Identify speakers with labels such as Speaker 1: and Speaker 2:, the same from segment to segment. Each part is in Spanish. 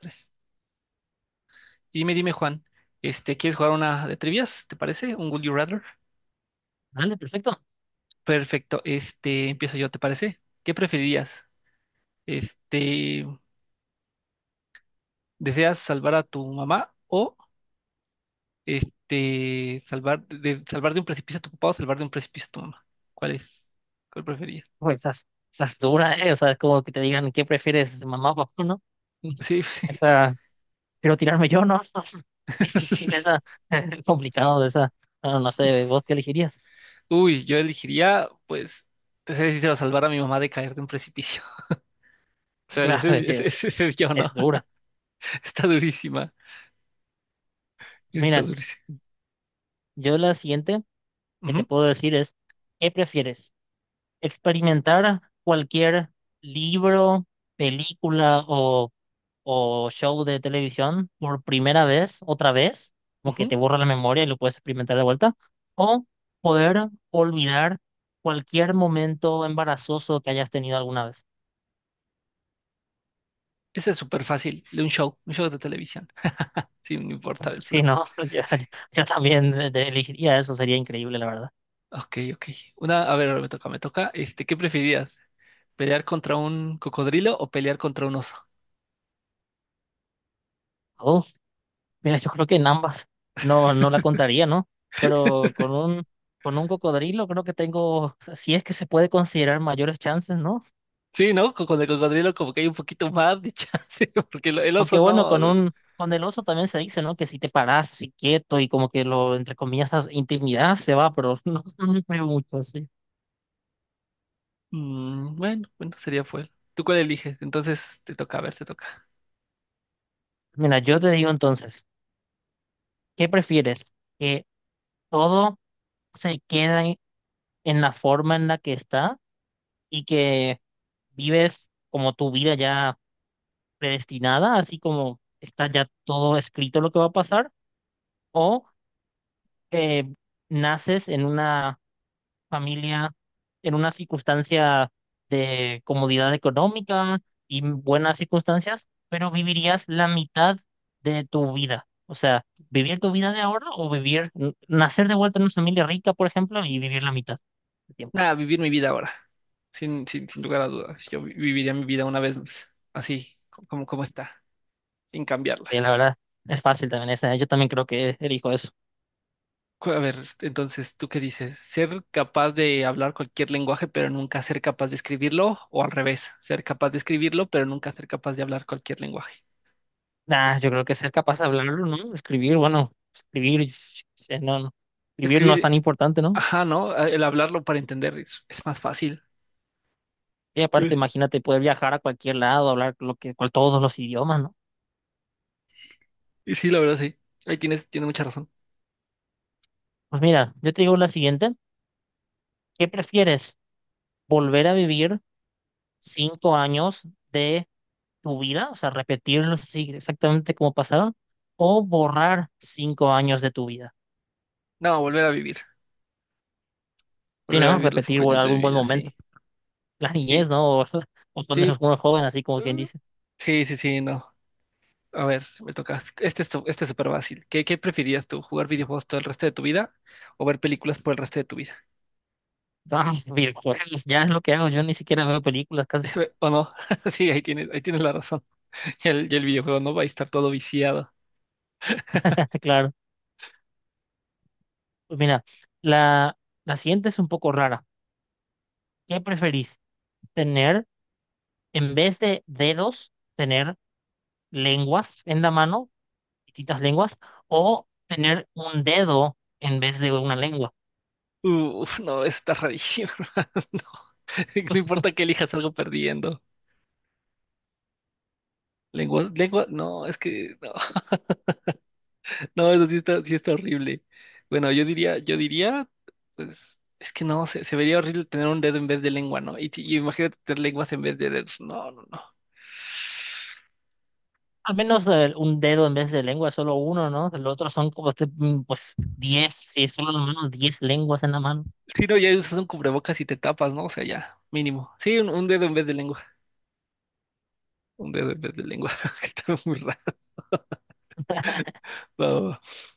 Speaker 1: Tres. Y Dime, Juan, ¿quieres jugar una de trivias? ¿Te parece? ¿Un Would You Rather?
Speaker 2: Vale, perfecto.
Speaker 1: Perfecto, empiezo yo, ¿te parece? ¿Qué preferirías? Este, ¿Deseas salvar a tu mamá o salvar de un precipicio a tu papá o salvar de un precipicio a tu mamá? ¿Cuál es? ¿Cuál preferirías?
Speaker 2: Pues estás dura, ¿eh? O sea, es como que te digan, ¿qué prefieres, mamá o papá, no?
Speaker 1: Sí, sí.
Speaker 2: Esa, quiero tirarme yo, ¿no? Difícil esa, complicado esa. No, no sé, ¿vos qué elegirías?
Speaker 1: Uy, yo elegiría, pues, te seré sincero, salvar a mi mamá de caer de un precipicio. O sea,
Speaker 2: Claro, es que
Speaker 1: ese es yo, ¿no?
Speaker 2: es dura.
Speaker 1: Está durísima, está
Speaker 2: Mira,
Speaker 1: durísima.
Speaker 2: yo la siguiente que te
Speaker 1: Ujú,
Speaker 2: puedo decir es, ¿qué prefieres? ¿Experimentar cualquier libro, película o show de televisión por primera vez, otra vez, como que
Speaker 1: ujú.
Speaker 2: te borra la memoria y lo puedes experimentar de vuelta, o poder olvidar cualquier momento embarazoso que hayas tenido alguna vez?
Speaker 1: Ese es súper fácil, de un show de televisión, sin importar el
Speaker 2: Sí,
Speaker 1: flow.
Speaker 2: no, yo, yo-
Speaker 1: Sí.
Speaker 2: yo también elegiría eso, sería increíble, la verdad.
Speaker 1: Ok, ok. A ver, ahora me toca, me toca. ¿Qué preferirías? ¿Pelear contra un cocodrilo o pelear contra un oso?
Speaker 2: Oh, mira, yo creo que en ambas no, no la contaría, ¿no? Pero con un cocodrilo creo que tengo, si es que se puede considerar, mayores chances, ¿no?
Speaker 1: Sí, ¿no? Con el cocodrilo como que hay un poquito más de chance, porque el oso
Speaker 2: Aunque bueno, con
Speaker 1: no.
Speaker 2: un, con el oso también se dice, ¿no? Que si te paras así quieto y como que lo, entre comillas, intimidad se va, pero no, no me creo mucho así.
Speaker 1: Bueno, bueno, sería fue. ¿Tú cuál eliges? Entonces te toca, a ver, te toca.
Speaker 2: Mira, yo te digo entonces, ¿qué prefieres? ¿Que todo se quede en la forma en la que está y que vives como tu vida ya predestinada, así como está ya todo escrito lo que va a pasar? ¿O que naces en una familia, en una circunstancia de comodidad económica y buenas circunstancias, pero vivirías la mitad de tu vida? O sea, vivir tu vida de ahora o nacer de vuelta en una familia rica, por ejemplo, y vivir la mitad del tiempo.
Speaker 1: Nada, vivir mi vida ahora, sin lugar a dudas. Yo viviría mi vida una vez más, así como está, sin cambiarla.
Speaker 2: La verdad, es fácil también esa, ¿eh? Yo también creo que elijo eso.
Speaker 1: A ver, entonces, ¿tú qué dices? ¿Ser capaz de hablar cualquier lenguaje pero nunca ser capaz de escribirlo? ¿O al revés, ser capaz de escribirlo pero nunca ser capaz de hablar cualquier lenguaje?
Speaker 2: Nah, yo creo que ser capaz de hablarlo, ¿no? Escribir, bueno, escribir, yo qué sé, no, no. Escribir no es
Speaker 1: Escribir,
Speaker 2: tan importante, ¿no?
Speaker 1: ajá, ¿no? El hablarlo para entender es más fácil.
Speaker 2: Y
Speaker 1: Eh,
Speaker 2: aparte, imagínate poder viajar a cualquier lado, hablar todos los idiomas, ¿no?
Speaker 1: Y sí, la verdad, sí. Ahí tienes, tienes mucha razón.
Speaker 2: Pues mira, yo te digo la siguiente. ¿Qué prefieres? ¿Volver a vivir 5 años de tu vida? O sea, repetirlos así exactamente como pasaron. ¿O borrar 5 años de tu vida?
Speaker 1: No, volver a vivir.
Speaker 2: Sí,
Speaker 1: Volver a
Speaker 2: ¿no?
Speaker 1: vivir los
Speaker 2: Repetir
Speaker 1: cinco años de mi
Speaker 2: algún buen
Speaker 1: vida,
Speaker 2: momento.
Speaker 1: sí.
Speaker 2: La
Speaker 1: Sí,
Speaker 2: niñez, ¿no? O cuando
Speaker 1: sí,
Speaker 2: eres muy joven, así como
Speaker 1: eh,
Speaker 2: quien dice.
Speaker 1: sí, sí, sí, no. A ver, me toca. Este es súper fácil. ¿Qué preferirías tú? ¿Jugar videojuegos todo el resto de tu vida o ver películas por el resto de tu vida?
Speaker 2: Ah, videojuegos, ya es lo que hago. Yo ni siquiera veo películas casi.
Speaker 1: O no, sí, ahí tienes la razón. Y el videojuego no va a estar todo viciado.
Speaker 2: Claro. Pues mira, la, la siguiente es un poco rara. ¿Qué preferís? ¿Tener, en vez de dedos, tener lenguas en la mano? Distintas lenguas, o tener un dedo en vez de una lengua.
Speaker 1: Uf, no, está rarísimo. Hermano, no, no importa que elijas algo perdiendo. Lengua, lengua, no, es que no, no, eso sí está horrible. Bueno, yo diría, pues, es que no, se vería horrible tener un dedo en vez de lengua, ¿no? Y imagínate tener lenguas en vez de dedos. No, no, no.
Speaker 2: Al menos un dedo en vez de lengua, solo uno, ¿no? El otro son como este, pues 10, si es solo la mano, 10 lenguas en la mano.
Speaker 1: Si no, ya usas un cubrebocas y te tapas, ¿no? O sea, ya, mínimo. Sí, un dedo en vez de lengua. Un dedo en vez de lengua. Está muy. No.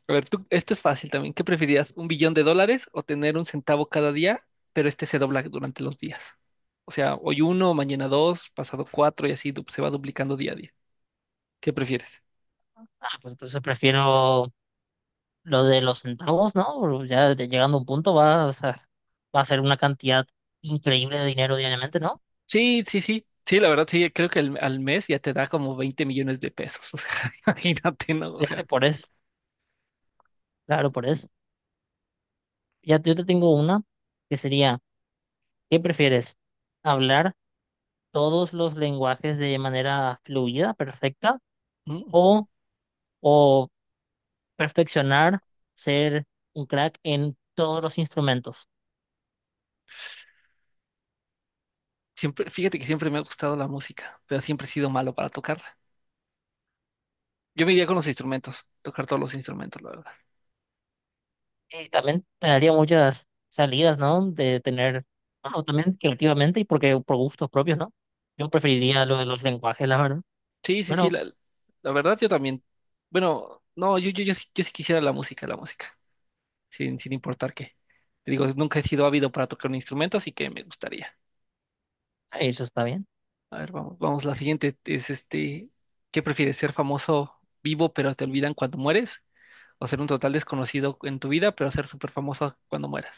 Speaker 1: A ver, tú, esto es fácil también. ¿Qué preferías? ¿Un billón de dólares o tener un centavo cada día, pero este se dobla durante los días? O sea, hoy uno, mañana dos, pasado cuatro y así se va duplicando día a día. ¿Qué prefieres?
Speaker 2: Ah, pues entonces prefiero lo de los centavos, ¿no? Ya llegando a un punto va, o sea, va a ser una cantidad increíble de dinero diariamente, ¿no?
Speaker 1: Sí, sí, sí. Sí, la verdad, sí, creo que al mes ya te da como 20 millones de pesos. O sea, imagínate, ¿no? O
Speaker 2: Ya,
Speaker 1: sea,
Speaker 2: por eso, claro, por eso. Ya yo te tengo una que sería, ¿qué prefieres? ¿Hablar todos los lenguajes de manera fluida, perfecta?
Speaker 1: mm,
Speaker 2: ¿O, o perfeccionar, ser un crack en todos los instrumentos?
Speaker 1: siempre, fíjate que siempre me ha gustado la música, pero siempre he sido malo para tocarla. Yo me iría con los instrumentos, tocar todos los instrumentos, la verdad.
Speaker 2: Y también te daría muchas salidas, ¿no? De tener, bueno, también creativamente y porque por gustos propios, ¿no? Yo preferiría lo de los lenguajes, la verdad,
Speaker 1: Sí, sí, sí,
Speaker 2: pero
Speaker 1: la verdad yo también. Bueno, no, yo, sí, yo sí quisiera la música, sin importar qué. Te digo, nunca he sido ávido para tocar un instrumento, así que me gustaría.
Speaker 2: eso está bien.
Speaker 1: A ver, vamos, vamos, la siguiente es este, ¿qué prefieres? ¿Ser famoso vivo pero te olvidan cuando mueres? ¿O ser un total desconocido en tu vida pero ser súper famoso cuando mueras?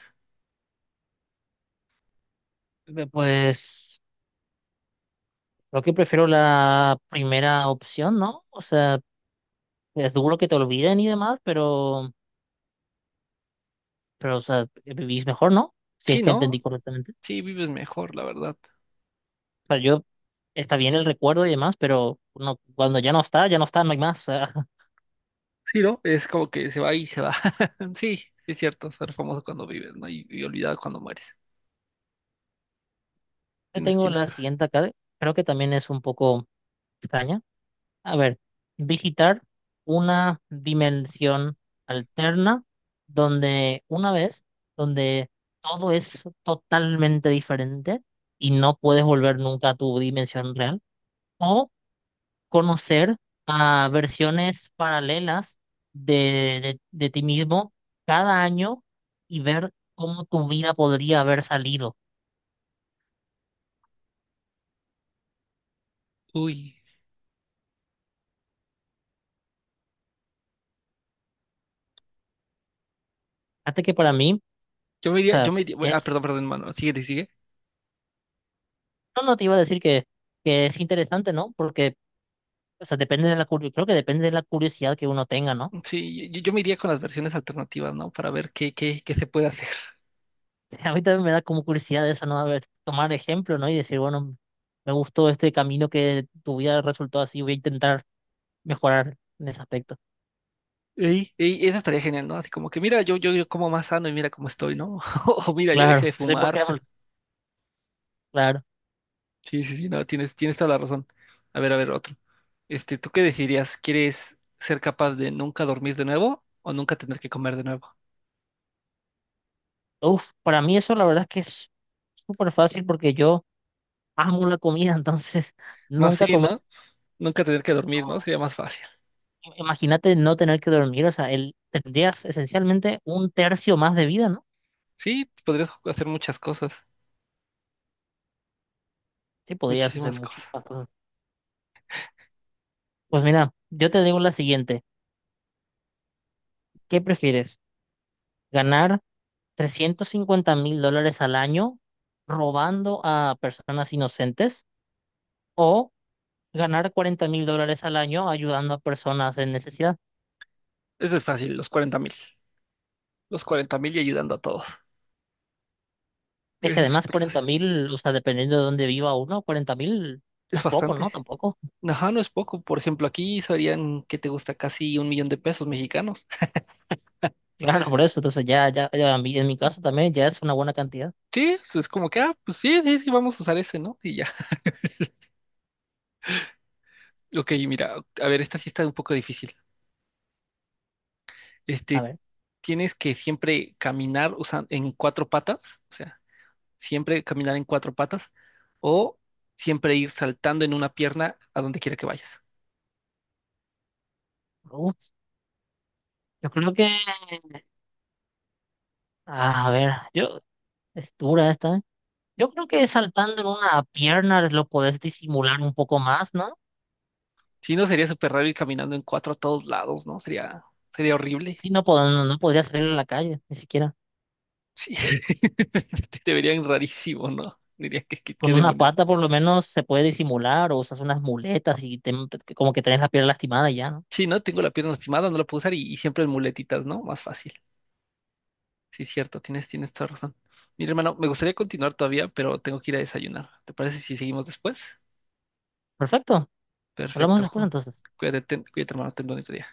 Speaker 2: Pues creo que prefiero la primera opción, ¿no? O sea, es duro que te olviden y demás, pero, o sea, vivís mejor, ¿no? Si es
Speaker 1: Sí,
Speaker 2: que
Speaker 1: ¿no?
Speaker 2: entendí correctamente.
Speaker 1: Sí, vives mejor, la verdad.
Speaker 2: Sea, yo, está bien el recuerdo y demás, pero no, cuando ya no está, no hay más. O sea,
Speaker 1: Sí, ¿no? Es como que se va y se va. Sí, sí es cierto, ser famoso cuando vives, ¿no? Y olvidado cuando mueres.
Speaker 2: yo
Speaker 1: Tienes,
Speaker 2: tengo
Speaker 1: tienes.
Speaker 2: la siguiente acá, creo que también es un poco extraña. A ver, visitar una dimensión alterna donde una vez, donde todo es totalmente diferente y no puedes volver nunca a tu dimensión real. Conocer a versiones paralelas de, de ti mismo cada año y ver cómo tu vida podría haber salido.
Speaker 1: Uy.
Speaker 2: Hasta que, para mí, o
Speaker 1: Yo
Speaker 2: sea,
Speaker 1: me iría, bueno, ah,
Speaker 2: es,
Speaker 1: perdón, perdón, hermano, sigue, sigue.
Speaker 2: no, no te iba a decir que, es interesante, ¿no? Porque, o sea, depende de la curiosidad, creo que depende de la curiosidad que uno tenga, ¿no?
Speaker 1: Sí, yo me iría con las versiones alternativas, ¿no? Para ver qué se puede hacer.
Speaker 2: A mí también me da como curiosidad eso, ¿no? A ver, tomar ejemplo, ¿no? Y decir, bueno, me gustó este camino que tu vida resultó así, voy a intentar mejorar en ese aspecto.
Speaker 1: Y eso estaría genial, ¿no? Así como que mira, yo como más sano y mira cómo estoy, ¿no? O mira, yo dejé
Speaker 2: Claro,
Speaker 1: de
Speaker 2: sí, por
Speaker 1: fumar.
Speaker 2: ejemplo, claro.
Speaker 1: Sí, sí, sí, no, tienes, tienes toda la razón. A ver, otro. Este, ¿tú qué decidirías? ¿Quieres ser capaz de nunca dormir de nuevo o nunca tener que comer de nuevo?
Speaker 2: Uf, para mí eso la verdad es que es súper fácil porque yo amo la comida, entonces
Speaker 1: Más
Speaker 2: nunca
Speaker 1: sí,
Speaker 2: comer.
Speaker 1: ¿no? Nunca tener que dormir, ¿no? Sería más fácil.
Speaker 2: Imagínate no tener que dormir, o sea, tendrías esencialmente un tercio más de vida, ¿no?
Speaker 1: Sí, podrías hacer muchas cosas,
Speaker 2: Sí, podrías hacer
Speaker 1: muchísimas cosas.
Speaker 2: muchísimas cosas. Pues mira, yo te digo la siguiente, ¿qué prefieres? ¿Ganar 350.000 dólares al año robando a personas inocentes, o ganar 40.000 dólares al año ayudando a personas en necesidad?
Speaker 1: Eso es fácil, los 40 mil. Los 40 mil y ayudando a todos.
Speaker 2: Es que
Speaker 1: Es
Speaker 2: además,
Speaker 1: súper fácil.
Speaker 2: 40.000, o sea, dependiendo de dónde viva uno, 40.000 no
Speaker 1: Es
Speaker 2: es poco,
Speaker 1: bastante.
Speaker 2: ¿no? Tampoco.
Speaker 1: Ajá, no es poco. Por ejemplo, aquí serían que te gusta casi un millón de pesos mexicanos.
Speaker 2: Claro, por eso. Entonces ya, en mi caso también ya es una buena cantidad.
Speaker 1: Sí, eso es como que, ah, pues sí, sí, sí, vamos a usar ese, ¿no? Y ya. Ok, mira, a ver, esta sí está un poco difícil.
Speaker 2: A
Speaker 1: Este,
Speaker 2: ver,
Speaker 1: tienes que siempre caminar en cuatro patas, o sea, siempre caminar en cuatro patas, o siempre ir saltando en una pierna a donde quiera que vayas.
Speaker 2: uf, yo creo que, a ver, yo, es dura esta, ¿eh? Yo creo que saltando en una pierna lo podés disimular un poco más, ¿no?
Speaker 1: Si no, sería súper raro ir caminando en cuatro a todos lados, ¿no? sería, horrible.
Speaker 2: Sí, no, no, no podría salir a la calle, ni siquiera.
Speaker 1: Sí, te verían rarísimo, ¿no? Dirías qué
Speaker 2: Con una
Speaker 1: demonios.
Speaker 2: pata por lo menos se puede disimular, o usas unas muletas y como que tenés la pierna lastimada y ya, ¿no?
Speaker 1: Sí, ¿no? Tengo la pierna lastimada, no la puedo usar y siempre en muletitas, ¿no? Más fácil. Sí, cierto, tienes, tienes toda razón. Mira, hermano, me gustaría continuar todavía, pero tengo que ir a desayunar. ¿Te parece si seguimos después?
Speaker 2: Perfecto. Hablamos
Speaker 1: Perfecto,
Speaker 2: después
Speaker 1: Juan.
Speaker 2: entonces.
Speaker 1: Cuídate, cuídate, hermano, ten bonito día.